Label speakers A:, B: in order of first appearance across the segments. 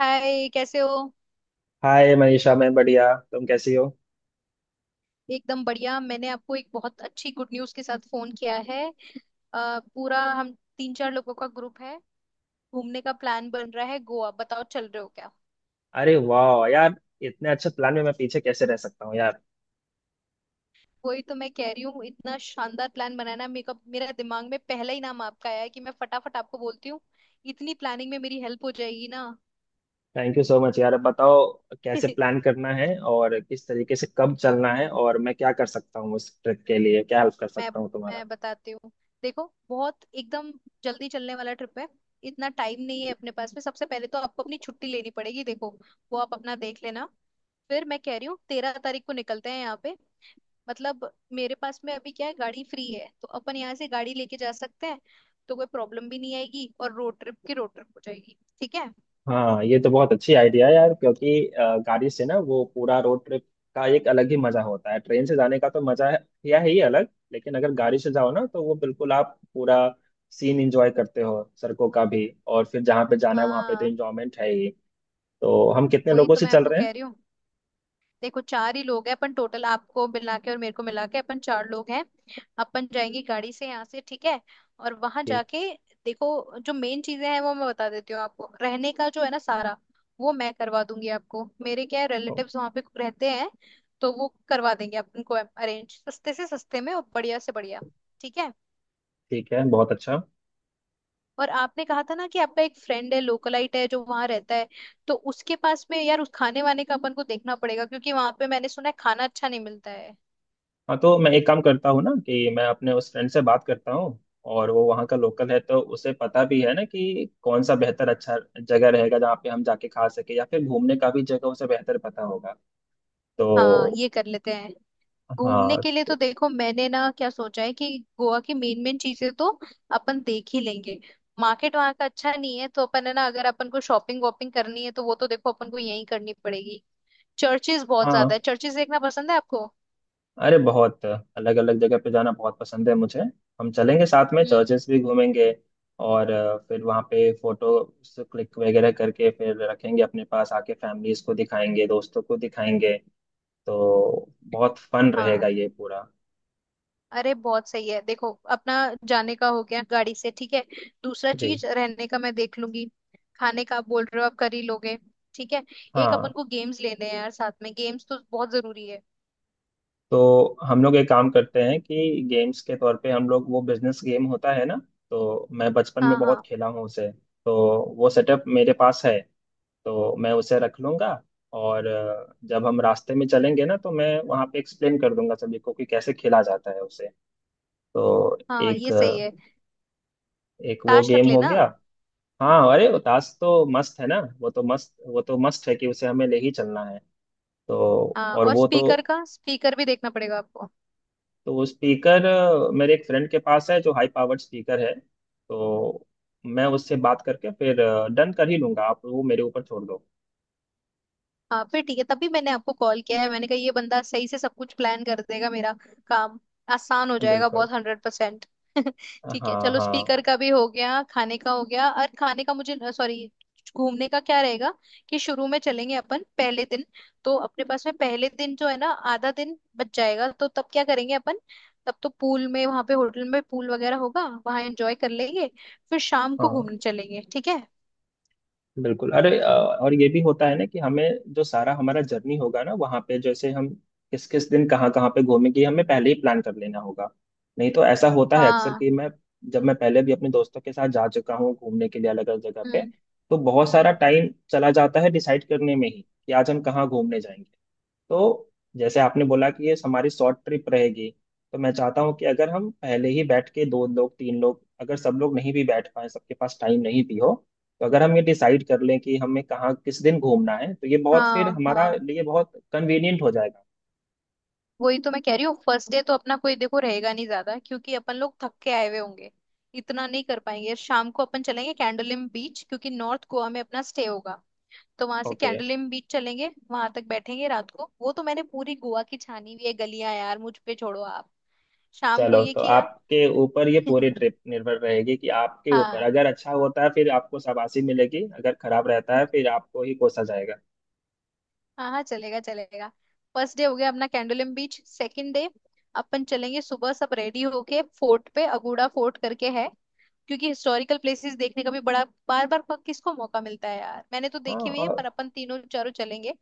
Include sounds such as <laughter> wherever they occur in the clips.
A: हाय, कैसे हो।
B: हाय मनीषा, मैं बढ़िया। तुम कैसी हो?
A: एकदम बढ़िया, मैंने आपको एक बहुत अच्छी गुड न्यूज़ के साथ फोन किया है। अ, पूरा हम तीन चार लोगों का ग्रुप है, घूमने का प्लान बन रहा है गोवा, बताओ चल रहे हो क्या।
B: अरे वाह यार, इतने अच्छे प्लान में मैं पीछे कैसे रह सकता हूँ यार।
A: वही तो मैं कह रही हूँ, इतना शानदार प्लान बनाना मेरा मेरा दिमाग में पहला ही नाम आपका आया है कि मैं फटाफट आपको बोलती हूँ, इतनी प्लानिंग में मेरी हेल्प हो जाएगी ना।
B: थैंक यू सो मच यार। अब बताओ
A: <laughs>
B: कैसे
A: मैं
B: प्लान करना है और किस तरीके से कब चलना है और मैं क्या कर सकता हूँ, उस ट्रिप के लिए क्या हेल्प कर सकता हूँ तुम्हारा।
A: मैं बताती हूँ। देखो, बहुत एकदम जल्दी चलने वाला ट्रिप है, इतना टाइम नहीं है अपने पास में। सबसे पहले तो आपको अपनी छुट्टी लेनी पड़ेगी, देखो वो आप अपना देख लेना। फिर मैं कह रही हूँ 13 तारीख को निकलते हैं यहाँ पे। मतलब मेरे पास में अभी क्या है, गाड़ी फ्री है, तो अपन यहाँ से गाड़ी लेके जा सकते हैं, तो कोई प्रॉब्लम भी नहीं आएगी और रोड ट्रिप की रोड ट्रिप हो जाएगी, ठीक है।
B: हाँ, ये तो बहुत अच्छी आइडिया है यार, क्योंकि गाड़ी से ना वो पूरा रोड ट्रिप का एक अलग ही मजा होता है। ट्रेन से जाने का तो मजा है या है ही अलग, लेकिन अगर गाड़ी से जाओ ना तो वो बिल्कुल आप पूरा सीन एंजॉय करते हो सड़कों का भी, और फिर जहाँ पे जाना है वहाँ पे तो
A: हाँ,
B: एंजॉयमेंट है ही। तो हम कितने
A: वही
B: लोगों
A: तो
B: से
A: मैं
B: चल
A: आपको
B: रहे हैं?
A: कह रही हूँ। देखो, चार ही लोग हैं अपन टोटल, आपको मिला के और मेरे को मिला के अपन चार लोग हैं। अपन जाएंगे गाड़ी से यहाँ से, ठीक है। और वहां
B: ठीक।
A: जाके देखो, जो मेन चीजें हैं वो मैं बता देती हूँ आपको। रहने का जो है ना सारा वो मैं करवा दूंगी आपको, मेरे क्या है
B: ओ,
A: रिलेटिव्स वहां पे रहते हैं, तो वो करवा देंगे अपन को अरेंज, सस्ते से सस्ते में और बढ़िया से बढ़िया, ठीक है।
B: ठीक है, बहुत अच्छा।
A: और आपने कहा था ना कि आपका एक फ्रेंड है, लोकलाइट है जो वहां रहता है, तो उसके पास में यार उस खाने वाने का अपन को देखना पड़ेगा, क्योंकि वहां पे मैंने सुना है खाना अच्छा नहीं मिलता है।
B: हाँ तो मैं एक काम करता हूँ ना कि मैं अपने उस फ्रेंड से बात करता हूँ, और वो वहाँ का लोकल है तो उसे पता भी है ना कि कौन सा बेहतर अच्छा जगह रहेगा जहाँ पे हम जाके खा सके, या फिर घूमने का भी जगह उसे बेहतर पता होगा
A: हाँ,
B: तो।
A: ये कर लेते हैं। घूमने
B: हाँ
A: के लिए
B: तो।
A: तो देखो मैंने ना क्या सोचा है कि गोवा की मेन मेन चीजें तो अपन देख ही लेंगे। मार्केट वहाँ का अच्छा नहीं है, तो अपन है ना, अगर अपन को शॉपिंग वॉपिंग करनी है तो वो तो देखो अपन को यहीं करनी पड़ेगी। चर्चेज बहुत
B: हाँ,
A: ज्यादा है, चर्चेज देखना पसंद है आपको।
B: अरे बहुत अलग अलग जगह पे जाना बहुत पसंद है मुझे। हम चलेंगे साथ में,
A: हम्म।
B: चर्चेस भी घूमेंगे। और फिर वहाँ पे फोटो क्लिक वगैरह करके फिर रखेंगे, अपने पास आके फैमिलीज को दिखाएंगे, दोस्तों को दिखाएंगे। तो बहुत फन रहेगा
A: हाँ,
B: ये पूरा।
A: अरे बहुत सही है। देखो, अपना जाने का हो गया गाड़ी से, ठीक है। दूसरा
B: जी।
A: चीज, रहने का मैं देख लूंगी, खाने का आप बोल रहे हो आप कर ही लोगे, ठीक है। एक अपन
B: हाँ
A: को गेम्स लेने हैं यार, साथ में गेम्स तो बहुत जरूरी है।
B: तो हम लोग एक काम करते हैं कि गेम्स के तौर पे हम लोग वो बिजनेस गेम होता है ना, तो मैं बचपन में
A: हाँ
B: बहुत
A: हाँ।
B: खेला हूँ उसे। तो वो सेटअप मेरे पास है, तो मैं उसे रख लूँगा। और जब हम रास्ते में चलेंगे ना तो मैं वहाँ पे एक्सप्लेन कर दूंगा सभी को कि कैसे खेला जाता है उसे। तो
A: हाँ हाँ, ये सही है।
B: एक वो
A: ताश रख
B: गेम हो
A: लेना।
B: गया। हाँ अरे वो ताश तो मस्त है ना, वो तो मस्त, वो तो मस्त है कि उसे हमें ले ही चलना है तो।
A: हाँ
B: और
A: और
B: वो तो।
A: स्पीकर, का स्पीकर भी देखना पड़ेगा आपको।
B: तो वो स्पीकर मेरे एक फ्रेंड के पास है जो हाई पावर्ड स्पीकर है, तो मैं उससे बात करके फिर डन कर ही लूंगा। आप वो मेरे ऊपर छोड़ दो।
A: हाँ फिर ठीक है, तभी मैंने आपको कॉल किया है, मैंने कहा ये बंदा सही से सब कुछ प्लान कर देगा, मेरा काम आसान हो जाएगा
B: बिल्कुल।
A: बहुत, 100%। <laughs> ठीक है
B: हाँ
A: चलो,
B: हाँ
A: स्पीकर का भी हो गया, खाने का हो गया और खाने का मुझे, सॉरी, घूमने का क्या रहेगा कि शुरू में चलेंगे अपन। पहले दिन तो अपने पास में पहले दिन जो है ना आधा दिन बच जाएगा, तो तब क्या करेंगे अपन। तब तो पूल में, वहां पे होटल में पूल वगैरह होगा, वहां एंजॉय कर लेंगे, फिर शाम को
B: हाँ,
A: घूमने चलेंगे, ठीक है।
B: बिल्कुल। अरे और ये भी होता है ना कि हमें जो सारा हमारा जर्नी होगा ना वहाँ पे, जैसे हम किस किस दिन कहाँ कहाँ पे घूमेंगे, हमें पहले ही प्लान कर लेना होगा। नहीं तो ऐसा होता है अक्सर
A: हाँ।
B: कि मैं, जब मैं पहले भी अपने दोस्तों के साथ जा चुका हूँ घूमने के लिए अलग अलग जगह पे,
A: हम्म।
B: तो बहुत सारा
A: हम्म।
B: टाइम चला जाता है डिसाइड करने में ही कि आज हम कहाँ घूमने जाएंगे। तो जैसे आपने बोला कि ये हमारी शॉर्ट ट्रिप रहेगी, तो मैं चाहता हूँ कि अगर हम पहले ही बैठ के, दो लोग तीन लोग, अगर सब लोग नहीं भी बैठ पाए, सबके पास टाइम नहीं भी हो, तो अगर हम ये डिसाइड कर लें कि हमें कहाँ किस दिन घूमना है, तो ये बहुत फिर
A: हाँ
B: हमारा
A: हाँ,
B: लिए बहुत कन्वीनियंट हो जाएगा।
A: वही तो मैं कह रही हूँ, फर्स्ट डे तो अपना कोई देखो रहेगा नहीं ज्यादा, क्योंकि अपन लोग थक के आए हुए होंगे, इतना नहीं कर पाएंगे। शाम को अपन चलेंगे कैंडोलिम बीच, क्योंकि नॉर्थ गोवा में अपना स्टे होगा, तो वहां से
B: ओके,
A: कैंडोलिम बीच चलेंगे, वहां तक बैठेंगे रात को, वो तो मैंने पूरी गोवा की छानी हुई है गलियां यार, मुझ पे छोड़ो आप। शाम को
B: चलो
A: ये
B: तो
A: किया।
B: आपके ऊपर ये पूरी
A: <laughs>
B: ट्रिप निर्भर रहेगी, कि आपके ऊपर,
A: हाँ।
B: अगर अच्छा होता है फिर आपको शाबाशी मिलेगी, अगर खराब रहता है फिर आपको ही कोसा जाएगा।
A: हाँ हाँ, चलेगा चलेगा। फर्स्ट डे हो गया अपना कैंडोलिम बीच। सेकंड डे अपन चलेंगे सुबह सब रेडी होके फोर्ट पे, अगुड़ा फोर्ट करके है, क्योंकि हिस्टोरिकल प्लेसेस देखने का भी बड़ा बार बार किसको मौका मिलता है यार, मैंने तो देखी हुई है
B: हाँ
A: पर अपन तीनों चारों चलेंगे।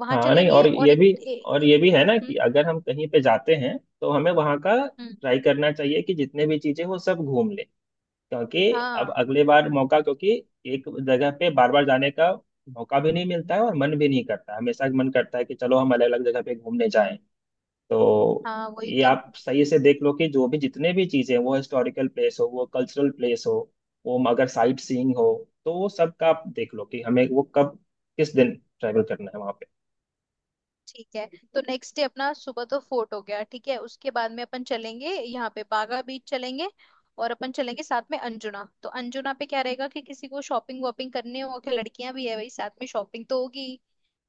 A: वहां
B: हाँ। नहीं, और
A: चलेंगे और
B: ये भी और ये भी है ना
A: हम्म।
B: कि अगर हम कहीं पे जाते हैं तो हमें वहाँ का
A: हम्म,
B: ट्राई करना चाहिए कि जितने भी चीजें वो सब घूम ले, क्योंकि अब
A: हाँ
B: अगले बार मौका, क्योंकि एक जगह पे बार बार जाने का मौका भी नहीं मिलता है और मन भी नहीं करता। हमेशा मन करता है कि चलो हम अलग अलग जगह पे घूमने जाएं तो।
A: हाँ वही
B: ये
A: तो।
B: आप सही से देख लो कि जो भी जितने भी चीजें, वो हिस्टोरिकल प्लेस हो, वो कल्चरल प्लेस हो, वो अगर साइट सीइंग हो, तो वो सब का आप देख लो कि हमें वो कब, किस दिन, ट्रैवल करना है वहाँ पे।
A: ठीक है, तो नेक्स्ट डे अपना सुबह तो फोर्ट हो गया, ठीक है। उसके बाद में अपन चलेंगे यहाँ पे बागा बीच चलेंगे, और अपन चलेंगे साथ में अंजुना। तो अंजुना पे क्या रहेगा कि किसी को शॉपिंग वॉपिंग करनी हो, कि लड़कियां भी है भाई साथ में शॉपिंग तो होगी।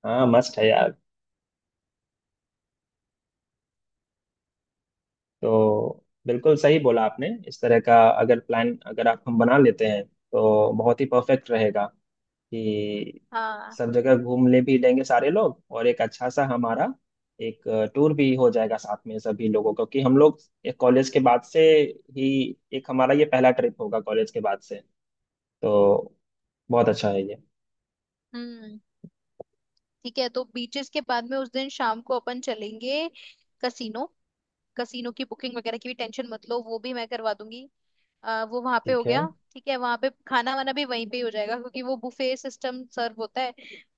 B: हाँ मस्त है यार। तो बिल्कुल सही बोला आपने, इस तरह का अगर प्लान अगर आप हम बना लेते हैं तो बहुत ही परफेक्ट रहेगा कि
A: हाँ।
B: सब जगह घूम ले भी लेंगे सारे लोग, और एक अच्छा सा हमारा एक टूर भी हो जाएगा साथ में सभी लोगों का। क्योंकि हम लोग एक कॉलेज के बाद से ही, एक हमारा ये पहला ट्रिप होगा कॉलेज के बाद से, तो बहुत अच्छा है ये।
A: हम्म। ठीक है, तो बीचेस के बाद में उस दिन शाम को अपन चलेंगे कसीनो। कसीनो की बुकिंग वगैरह की भी टेंशन मत लो, वो भी मैं करवा दूंगी। वो वहां पे हो
B: ठीक है।
A: गया। ठीक है, वहां पे खाना वाना भी वहीं पे ही हो जाएगा, क्योंकि वो बुफे सिस्टम सर्व होता है।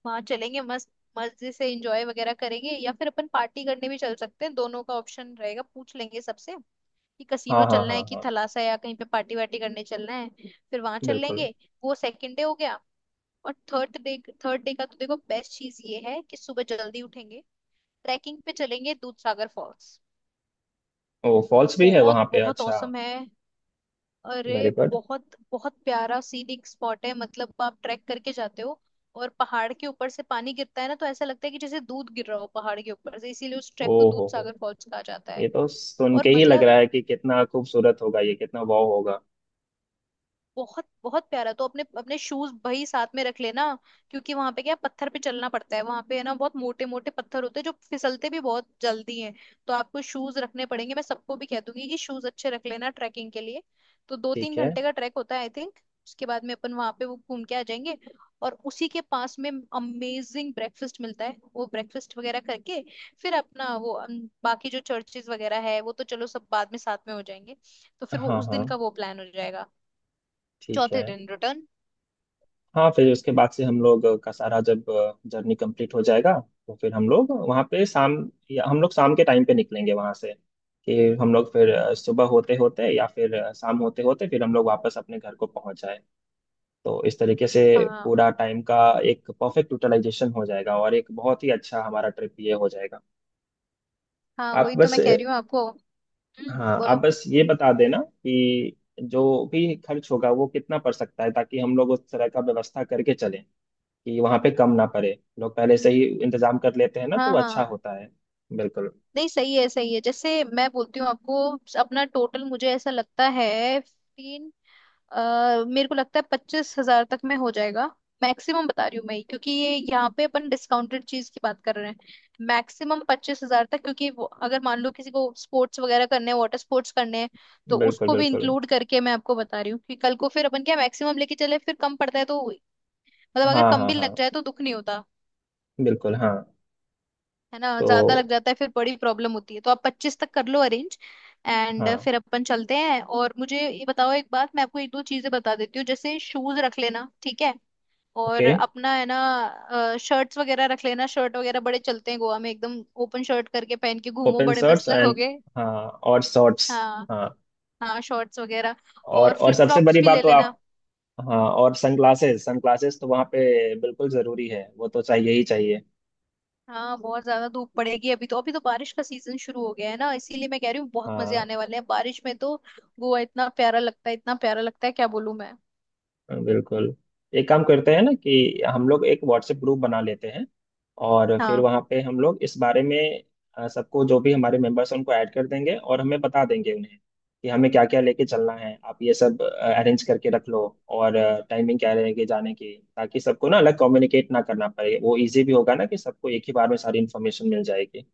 A: वहां चलेंगे, मस्त मजे से एंजॉय वगैरह करेंगे, या फिर अपन पार्टी करने भी चल सकते हैं, दोनों का ऑप्शन रहेगा, पूछ लेंगे सबसे कि
B: हाँ
A: कसीनो
B: हाँ
A: चलना
B: हाँ
A: है कि
B: हाँ,
A: थलासा या कहीं पे पार्टी वार्टी करने चलना है, फिर वहां चल
B: बिल्कुल।
A: लेंगे। वो सेकंड डे हो गया। और थर्ड डे, थर्ड डे का तो देखो बेस्ट चीज ये है कि सुबह जल्दी उठेंगे, ट्रैकिंग पे चलेंगे दूधसागर फॉल्स।
B: ओ फॉल्स भी है
A: बहुत
B: वहाँ पे,
A: बहुत
B: अच्छा।
A: औसम है। अरे,
B: वेरी गुड।
A: बहुत बहुत प्यारा सीनिक स्पॉट है, मतलब आप ट्रैक करके जाते हो और पहाड़ के ऊपर से पानी गिरता है ना, तो ऐसा लगता है कि जैसे दूध गिर रहा हो पहाड़ के ऊपर से, इसीलिए उस
B: ओ
A: ट्रैक को दूध
B: हो,
A: सागर फॉल्स कहा जाता
B: ये
A: है।
B: तो सुन
A: और
B: के ही लग रहा
A: मतलब
B: है कि कितना खूबसूरत होगा ये, कितना वाव होगा।
A: बहुत बहुत प्यारा। तो अपने अपने शूज वही साथ में रख लेना, क्योंकि वहां पे क्या है, पत्थर पे चलना पड़ता है वहां पे, है ना, बहुत मोटे मोटे पत्थर होते हैं जो फिसलते भी बहुत जल्दी हैं, तो आपको शूज रखने पड़ेंगे। मैं सबको भी कह दूंगी कि शूज अच्छे रख लेना ट्रैकिंग के लिए। तो दो तीन
B: ठीक है।
A: घंटे का ट्रैक होता है आई थिंक। उसके बाद में अपन वहां पे वो घूम के आ जाएंगे, और उसी के पास में अमेजिंग ब्रेकफास्ट मिलता है, वो ब्रेकफास्ट वगैरह करके फिर अपना वो बाकी जो चर्चेज वगैरह है वो तो चलो सब बाद में साथ में हो जाएंगे, तो फिर वो
B: हाँ
A: उस
B: हाँ।
A: दिन का वो प्लान हो जाएगा।
B: ठीक
A: चौथे
B: है।
A: दिन रिटर्न।
B: हाँ फिर उसके बाद से हम लोग का सारा जब जर्नी कंप्लीट हो जाएगा तो फिर हम लोग वहाँ पे शाम, या हम लोग शाम के टाइम पे निकलेंगे वहाँ से, कि हम लोग फिर सुबह होते होते या फिर शाम होते होते फिर हम लोग वापस अपने घर को पहुँच जाए। तो इस तरीके से
A: हाँ
B: पूरा टाइम का एक परफेक्ट यूटिलाइजेशन हो जाएगा, और एक बहुत ही अच्छा हमारा ट्रिप ये हो जाएगा।
A: हाँ,
B: आप
A: वही तो
B: बस।
A: मैं कह रही हूँ आपको। हम्म,
B: हाँ आप
A: बोलो।
B: बस ये बता देना कि जो भी खर्च होगा वो कितना पड़ सकता है, ताकि हम लोग उस तरह का व्यवस्था करके चलें कि वहाँ पे कम ना पड़े। लोग पहले से ही इंतजाम कर लेते हैं ना तो
A: हाँ
B: वो
A: हाँ
B: अच्छा
A: हाँ।
B: होता है। बिल्कुल।
A: नहीं, सही है सही है, जैसे मैं बोलती हूँ आपको। अपना टोटल मुझे ऐसा लगता है 15, मेरे को लगता है 25,000 तक में हो जाएगा, मैक्सिमम बता रही हूँ मैं, क्योंकि ये यहाँ पे अपन डिस्काउंटेड चीज की बात कर रहे हैं। मैक्सिमम 25,000 तक, क्योंकि वो अगर मान लो किसी को स्पोर्ट्स वगैरह करने हैं, वाटर स्पोर्ट्स करने हैं, तो
B: बिल्कुल।
A: उसको भी
B: बिल्कुल।
A: इंक्लूड करके मैं आपको बता रही हूँ कि कल को फिर अपन क्या मैक्सिमम लेके चले फिर कम पड़ता है तो। मतलब अगर
B: हाँ
A: कम
B: हाँ
A: भी
B: हाँ,
A: लग जाए तो दुख नहीं होता,
B: बिल्कुल हाँ।
A: है ना, ज्यादा लग
B: तो
A: जाता है फिर बड़ी प्रॉब्लम होती है, तो आप 25 तक कर लो अरेंज। एंड
B: हाँ।
A: फिर अपन चलते हैं। और मुझे ये बताओ, एक बात मैं आपको एक दो चीजें बता देती हूँ, जैसे शूज रख लेना, ठीक है, और
B: ओके।
A: अपना है ना शर्ट्स वगैरह रख लेना। शर्ट वगैरह बड़े चलते हैं गोवा में, एकदम ओपन शर्ट करके पहन के घूमो,
B: ओपन
A: बड़े
B: शर्ट्स
A: मस्त
B: एंड,
A: लगोगे।
B: हाँ और शॉर्ट्स।
A: हाँ,
B: हाँ।
A: हाँ शॉर्ट्स वगैरह, और
B: और
A: फ्लिप
B: सबसे
A: फ्लॉप्स
B: बड़ी
A: भी
B: बात
A: ले
B: तो
A: लेना।
B: आप, हाँ और सनग्लासेस, सनग्लासेस तो वहाँ पे बिल्कुल जरूरी है, वो तो चाहिए ही चाहिए।
A: हाँ, बहुत ज्यादा धूप पड़ेगी अभी, तो अभी तो बारिश का सीजन शुरू हो गया है ना, इसीलिए मैं कह रही हूँ, बहुत मजे
B: हाँ।
A: आने वाले हैं बारिश में तो। गोवा इतना प्यारा लगता है, इतना प्यारा लगता है, क्या बोलूं मैं।
B: हाँ, बिल्कुल। एक काम करते हैं ना कि हम लोग एक व्हाट्सएप ग्रुप बना लेते हैं, और फिर
A: हाँ,
B: वहाँ पे हम लोग इस बारे में सबको, जो भी हमारे मेंबर्स हैं उनको ऐड कर देंगे और हमें बता देंगे उन्हें कि हमें क्या क्या लेके चलना है। आप ये सब अरेंज करके रख लो, और टाइमिंग क्या रहेगी जाने की, ताकि सबको ना अलग कम्युनिकेट ना करना पड़े। वो इजी भी होगा ना, कि सबको एक ही बार में सारी इन्फॉर्मेशन मिल जाएगी।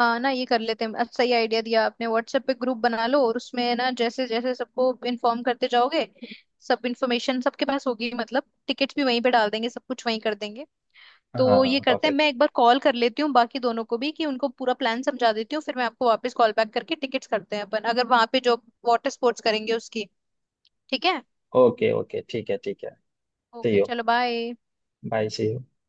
A: हाँ ना, ये कर लेते हैं, अच्छा सही आइडिया दिया आपने, व्हाट्सएप पे ग्रुप बना लो और उसमें ना जैसे जैसे सबको इन्फॉर्म करते जाओगे, सब इन्फॉर्मेशन सबके पास होगी, मतलब टिकट्स भी वहीं पे डाल देंगे, सब कुछ वहीं कर देंगे।
B: हाँ
A: तो ये
B: हाँ,
A: करते हैं,
B: परफेक्ट।
A: मैं एक बार कॉल कर लेती हूँ बाकी दोनों को भी, कि उनको पूरा प्लान समझा देती हूँ, फिर मैं आपको वापस कॉल बैक करके टिकट्स करते हैं अपन। अगर वहां पे जो वाटर स्पोर्ट्स करेंगे उसकी, ठीक है।
B: ओके ओके, ठीक है ठीक है। See
A: okay,
B: you.
A: चलो बाय।
B: Bye, see you.